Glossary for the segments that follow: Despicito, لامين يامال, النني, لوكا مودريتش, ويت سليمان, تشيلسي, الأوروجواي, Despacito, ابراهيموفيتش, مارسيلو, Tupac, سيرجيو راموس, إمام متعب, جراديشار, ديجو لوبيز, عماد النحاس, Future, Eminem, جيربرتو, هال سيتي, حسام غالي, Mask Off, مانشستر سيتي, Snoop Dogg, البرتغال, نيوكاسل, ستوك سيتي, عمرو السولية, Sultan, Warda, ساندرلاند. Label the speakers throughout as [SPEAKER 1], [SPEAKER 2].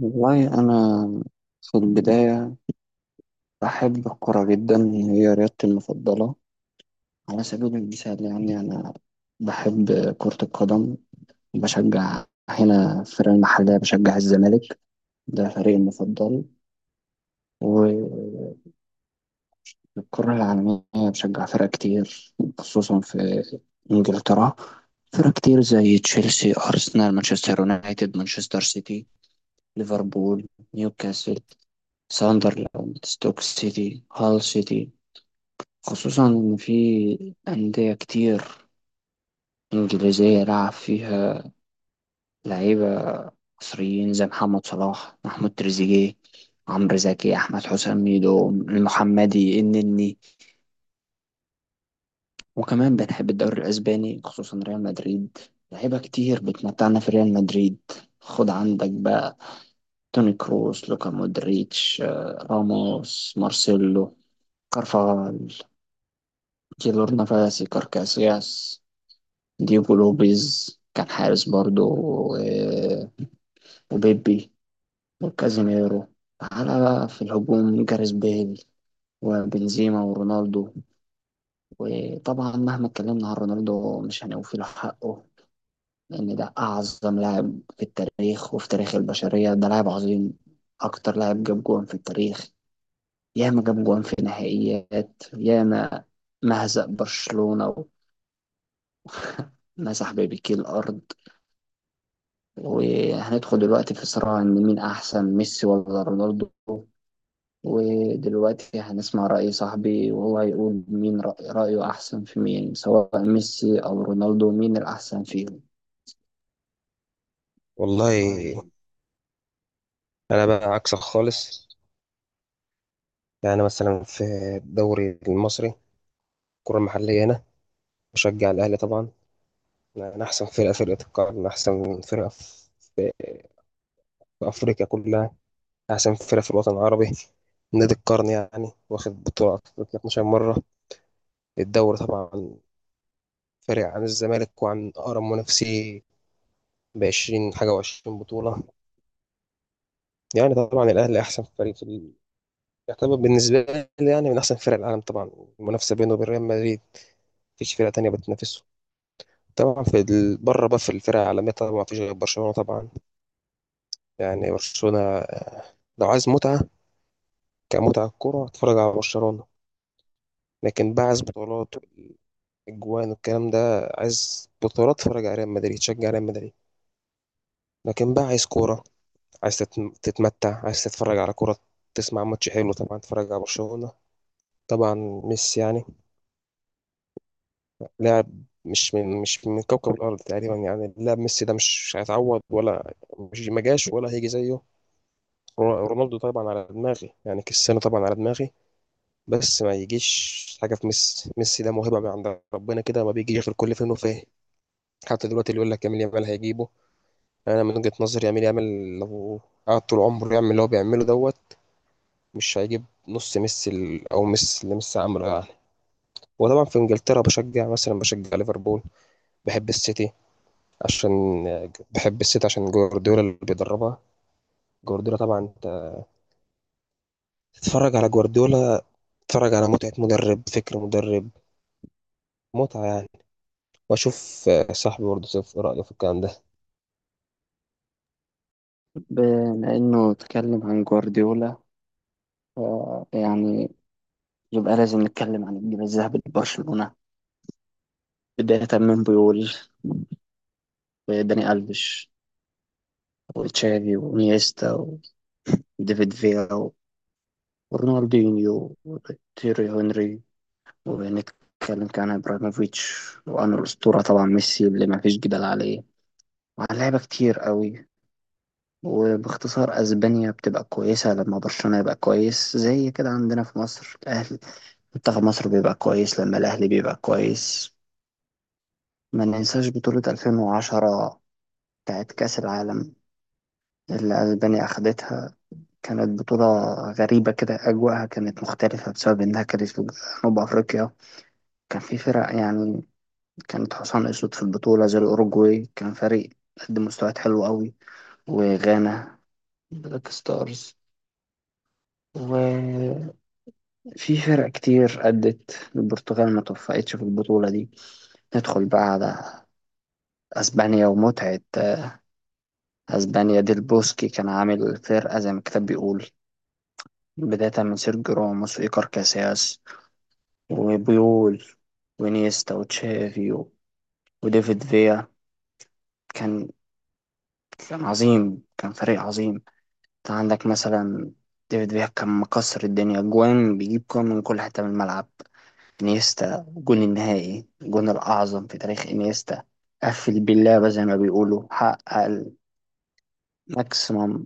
[SPEAKER 1] والله أنا في البداية بحب الكرة جدا، هي رياضتي المفضلة. على سبيل المثال، يعني أنا بحب كرة القدم. بشجع هنا في الفرق المحلية، بشجع الزمالك، ده فريقي المفضل. والكرة العالمية بشجع فرق كتير، خصوصا في إنجلترا، فرق كتير زي تشيلسي، أرسنال، مانشستر يونايتد، مانشستر سيتي، ليفربول، نيوكاسل، ساندرلاند، ستوك سيتي، هال سيتي. خصوصا إن في أندية كتير إنجليزية لعب فيها لعيبة مصريين زي محمد صلاح، محمود تريزيجيه، عمرو زكي، أحمد حسام ميدو، المحمدي، النني. وكمان بنحب الدوري الأسباني، خصوصا ريال مدريد. لعيبة كتير بتمتعنا في ريال مدريد. خد عندك بقى توني كروس، لوكا مودريتش، راموس، مارسيلو، كارفاغال، جيلورنا، فاسي كاركاسياس، ديجو لوبيز كان حارس برضو. و- وبيبي وكازيميرو. تعالى بقى في الهجوم جاريث بيل وبنزيما ورونالدو. وطبعا مهما اتكلمنا عن رونالدو مش هنوفي حقه، لأن ده أعظم لاعب في التاريخ وفي تاريخ البشرية. ده لاعب عظيم، أكتر لاعب جاب جوان في التاريخ، ياما جاب جوان في نهائيات، ياما مهزق برشلونة، ومسح بيبي كيل الأرض. وهندخل دلوقتي في صراع إن مين أحسن، ميسي ولا رونالدو؟ ودلوقتي هنسمع رأي صاحبي، وهو هيقول مين رأي رأيه أحسن في مين، سواء ميسي أو رونالدو، مين الأحسن فيهم. والله،
[SPEAKER 2] والله، انا بقى عكسك خالص. مثلا في الدوري المصري، الكره المحليه هنا بشجع الاهلي طبعا. انا احسن فرقه القرن، احسن فرقه في افريقيا كلها، احسن فرقه في الوطن العربي، نادي القرن. يعني واخد بطوله افريقيا 12 مره. الدوري طبعا فارق عن الزمالك وعن اقرب منافسيه ب 20 حاجه و20 بطوله. يعني طبعا الاهلي احسن فريق يعتبر بالنسبه لي يعني من احسن فرق العالم طبعا. المنافسه بينه وبين ريال مدريد، مفيش فرقة تانية بتنافسه طبعا. بره بقى في الفرق العالمية طبعا مفيش غير برشلونة طبعا. يعني برشلونة لو عايز متعة، كمتعة كورة، اتفرج على برشلونة. لكن بقى عايز بطولات، اجوان والكلام ده، عايز بطولات اتفرج على ريال مدريد، شجع ريال مدريد. لكن بقى عايز كورة، عايز تتمتع، عايز تتفرج على كورة، تسمع ماتش حلو، طبعا تتفرج على برشلونة. طبعا ميسي يعني لاعب مش من كوكب الأرض تقريبا. يعني لاعب ميسي ده مش هيتعوض، ولا مش ما جاش ولا هيجي زيه. رونالدو طبعا على دماغي، يعني كريستيانو طبعا على دماغي، بس ما يجيش حاجه في ميسي. ميسي ده موهبه من عند ربنا كده، ما بيجيش غير كل فين وفين. حتى دلوقتي اللي يقول لك يامال يامال هيجيبه، انا من وجهه نظري يامال يامال لو قعد طول عمره يعمل اللي هو بيعمله دوت، مش هيجيب نص ميسي او ميسي اللي ميسي عمله يعني. وطبعا في انجلترا بشجع، مثلا بشجع ليفربول، بحب السيتي، عشان بحب السيتي عشان جوارديولا اللي بيدربها. جوارديولا طبعا انت تتفرج على جوارديولا، تتفرج على متعة مدرب، فكر مدرب، متعة يعني. وأشوف صاحبي برضه شايف إيه رأيه في الكلام ده.
[SPEAKER 1] بما إنه اتكلم عن جوارديولا، ف- يعني يبقى لازم نتكلم عن الجيل الذهبي لبرشلونة، بداية من بيول وداني ألفيش وتشافي ونيستا وديفيد فيا ورونالدينيو وتيري هنري. وبنتكلم كان ابراهيموفيتش، وعن الاسطوره طبعا ميسي اللي ما فيش جدال عليه، وعن لعيبه كتير قوي. وباختصار اسبانيا بتبقى كويسه لما برشلونه يبقى كويس، زي كده عندنا في مصر الاهلي، منتخب مصر بيبقى كويس لما الاهلي بيبقى كويس. ما ننساش بطوله 2010 بتاعت كاس العالم اللي اسبانيا اخدتها. كانت بطولة غريبة كده، أجواءها كانت مختلفة بسبب إنها كانت في جنوب أفريقيا. كان في فرق يعني كانت حصان أسود في البطولة، زي الأوروجواي، كان فريق قدم مستويات حلوة أوي، وغانا، بلاك ستارز، وفي فرق كتير أدت. البرتغال ما توفقتش في البطولة دي. ندخل بقى على أسبانيا ومتعة أسبانيا. ديل بوسكي كان عامل فرقة زي ما الكتاب بيقول، بداية من سيرجيو راموس وإيكار كاسياس وبيول ونيستا وتشافي وديفيد فيا. كان كان عظيم، كان فريق عظيم. انت عندك مثلا ديفيد بيهام كان مكسر الدنيا، جوان بيجيب جوان من كل حتة من الملعب. انيستا جون النهائي، الجون الأعظم في تاريخ انيستا، قفل باللعبة زي ما بيقولوا، حقق الماكسيمم،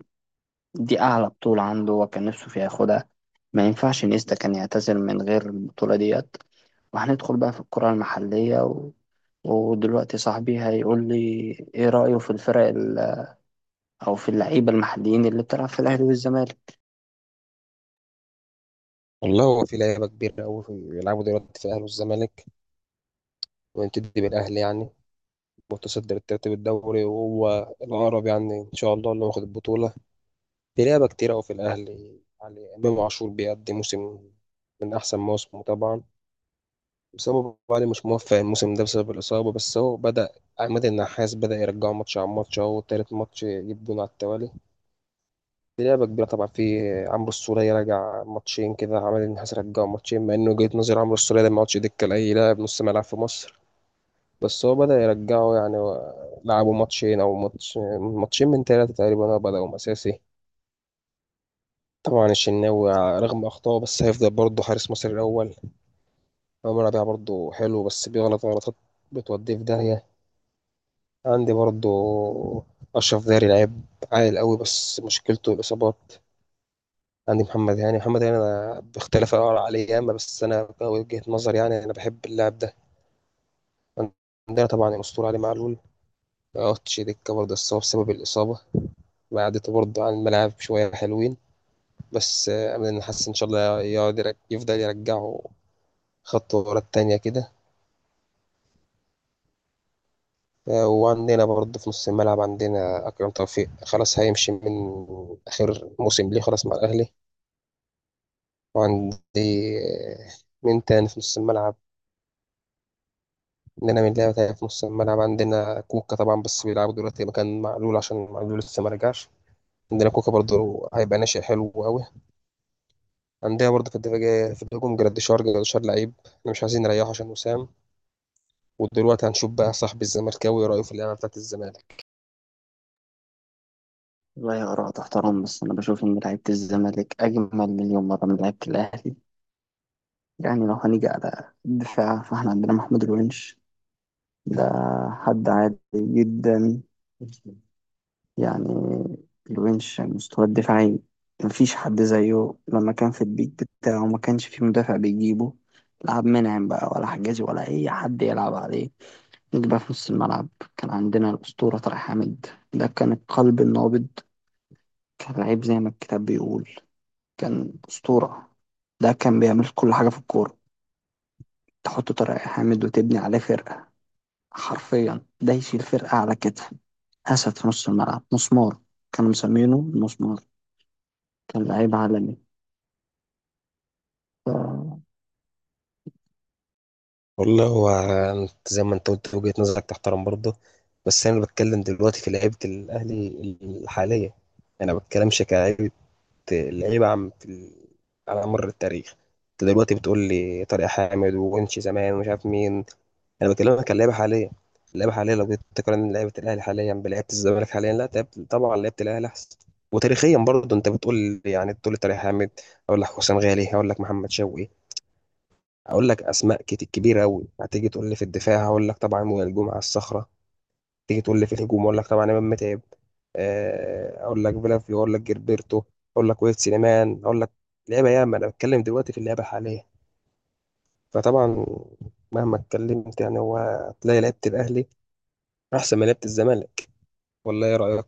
[SPEAKER 1] دي أعلى بطولة عنده وكان نفسه فيها ياخدها. ما ينفعش انيستا كان يعتزل من غير البطولة ديت. وهندخل بقى في الكرة المحلية و... ودلوقتي صاحبي هيقول لي ايه رأيه في او في اللعيبة المحليين اللي بتلعب في الأهلي والزمالك.
[SPEAKER 2] والله هو في لعيبة كبيرة أوي بيلعبوا دلوقتي في الأهلي والزمالك. ونبتدي بالأهلي يعني، متصدر الترتيب الدوري وهو الأقرب، يعني إن شاء الله اللي واخد البطولة. في لعيبة كتيرة أوي في الأهلي يعني، إمام عاشور بيقدم موسم من أحسن مواسمه طبعا. بس هو أبو علي مش موفق الموسم ده بسبب الإصابة، بس هو بدأ، عماد النحاس بدأ يرجعه ماتش عن ماتش، أهو تالت ماتش يجيب جون على التوالي. دي لعبة كبيرة طبعا. في عمرو السولية راجع ماتشين كده، عمل النحاس رجعه ماتشين، مع انه وجهة نظر عمرو السولية ده ما عادش دكة لأي لاعب نص ملعب في مصر، بس هو بدأ يرجعه يعني. لعبوا ماتشين أو ماتش، ماتشين من 3 تقريبا هو بدأوا أساسي. طبعا الشناوي رغم أخطائه بس هيفضل برضه حارس مصر الأول. عمر ربيعة برضه حلو بس بيغلط غلطات بتوديه في داهية. عندي برضه أشرف داري، لعيب عالي قوي بس مشكلته الإصابات. عندي محمد هاني، محمد هاني أنا باختلاف الآراء عليه ياما، بس أنا وجهة نظر يعني أنا بحب اللاعب ده. عندنا طبعا الأسطورة علي معلول، مقعدش دكة برضه بس هو بسبب الإصابة بعدته برضه عن الملاعب شوية حلوين. بس أمل إن حاسس إن شاء الله يقعد يفضل يرجعه خطوة ورا التانية كده. وعندنا برضه في نص الملعب عندنا أكرم توفيق، خلاص هيمشي من آخر موسم ليه خلاص مع الأهلي. وعندي آه، مين تاني في نص الملعب؟ عندنا من لعبة تانية في نص الملعب عندنا كوكا طبعا، بس بيلعبوا دلوقتي مكان معلول عشان معلول لسه ما رجعش. عندنا كوكا برضه هيبقى ناشئ حلو قوي. عندنا برضه في الدفاع في الهجوم جراديشار، لعيب احنا مش عايزين نريحه عشان وسام. ودلوقتي هنشوف بقى صاحب الزمالكاوي رأيه في اللعبة بتاعت الزمالك.
[SPEAKER 1] والله، آراء تحترم، بس أنا بشوف إن لعيبة الزمالك أجمل مليون مرة من لعيبة الأهلي. يعني لو هنيجي على الدفاع، فإحنا عندنا محمود الونش، ده حد عادي جدا، يعني الونش مستوى الدفاعي مفيش حد زيه. لما كان في البيك بتاعه ما كانش في مدافع بيجيبه، لا عبد المنعم بقى ولا حجازي ولا أي حد يلعب عليه. نيجي بقى في نص الملعب، كان عندنا الأسطورة طارق حامد، ده كان القلب النابض، كان لعيب زي ما الكتاب بيقول، كان أسطورة. ده كان بيعمل كل حاجة في الكورة. تحط طارق حامد وتبني عليه فرقة، حرفيا ده يشيل فرقة على كتفه. أسد في نص الملعب، مسمار، كانوا مسمينه المسمار، كان لعيب عالمي. ف-
[SPEAKER 2] والله هو، أنت زي ما انت قلت وجهة نظرك تحترم برضه، بس انا بتكلم دلوقتي في لعيبة الاهلي الحالية، انا ما بتكلمش كلاعب اللعيبه عم على مر التاريخ. انت دلوقتي بتقول لي طارق حامد وونش زمان ومش عارف مين، انا بكلمك عن اللعيبه حاليا. اللعيبه حاليا لو جيت تقارن لعيبه الاهلي حاليا بلعيبه الزمالك حاليا، لا طبعا لعيبه الاهلي احسن. وتاريخيا برضه انت بتقول يعني تقول لي طارق حامد، اقول لك حسام غالي، هقول لك محمد شوقي، اقول لك اسماء كتير كبيره قوي. هتيجي تقول لي في الدفاع، هقول لك طبعا وائل جمعه الصخره. تيجي تقول لي في الهجوم، اقول لك طبعا امام متعب، اقول لك فيلافيو، اقول لك جيربرتو، اقول لك ويت سليمان، اقول لك لعيبه ياما. انا بتكلم دلوقتي في اللعبه الحاليه، فطبعا مهما اتكلمت يعني، هو تلاقي لعيبه الاهلي احسن من لعيبه الزمالك، ولا ايه رايك؟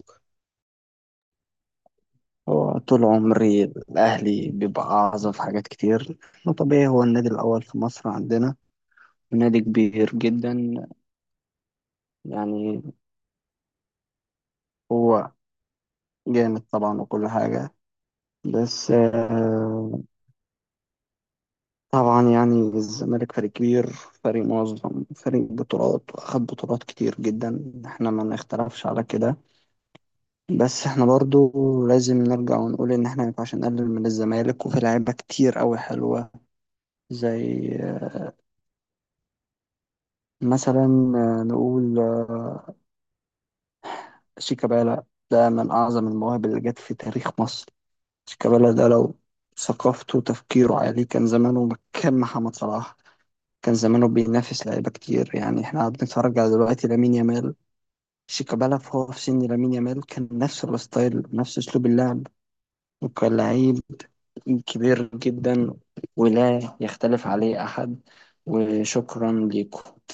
[SPEAKER 1] هو طول عمري الأهلي بيبقى أعظم في حاجات كتير، وطبيعي هو النادي الأول في مصر عندنا، نادي كبير جدا، يعني هو جامد طبعا وكل حاجة. بس طبعا يعني الزمالك فريق كبير، فريق منظم، فريق بطولات، واخد بطولات كتير جدا، احنا ما نختلفش على كده. بس احنا برضو لازم نرجع ونقول ان احنا ما ينفعش نقلل من الزمالك، وفي لعيبة كتير قوي حلوة. زي آه، مثلا آه، نقول آه، شيكابالا، ده من اعظم المواهب اللي جت في تاريخ مصر. شيكابالا ده لو ثقافته وتفكيره عالي كان زمانه مكان محمد صلاح، كان زمانه بينافس لعيبة كتير. يعني احنا قاعدين نتفرج على دلوقتي لامين يامال، شيكابالا فهو في سن لامين يامال كان نفس الستايل، نفس اسلوب اللعب، وكان لعيب كبير جدا ولا يختلف عليه احد. وشكرا لكم.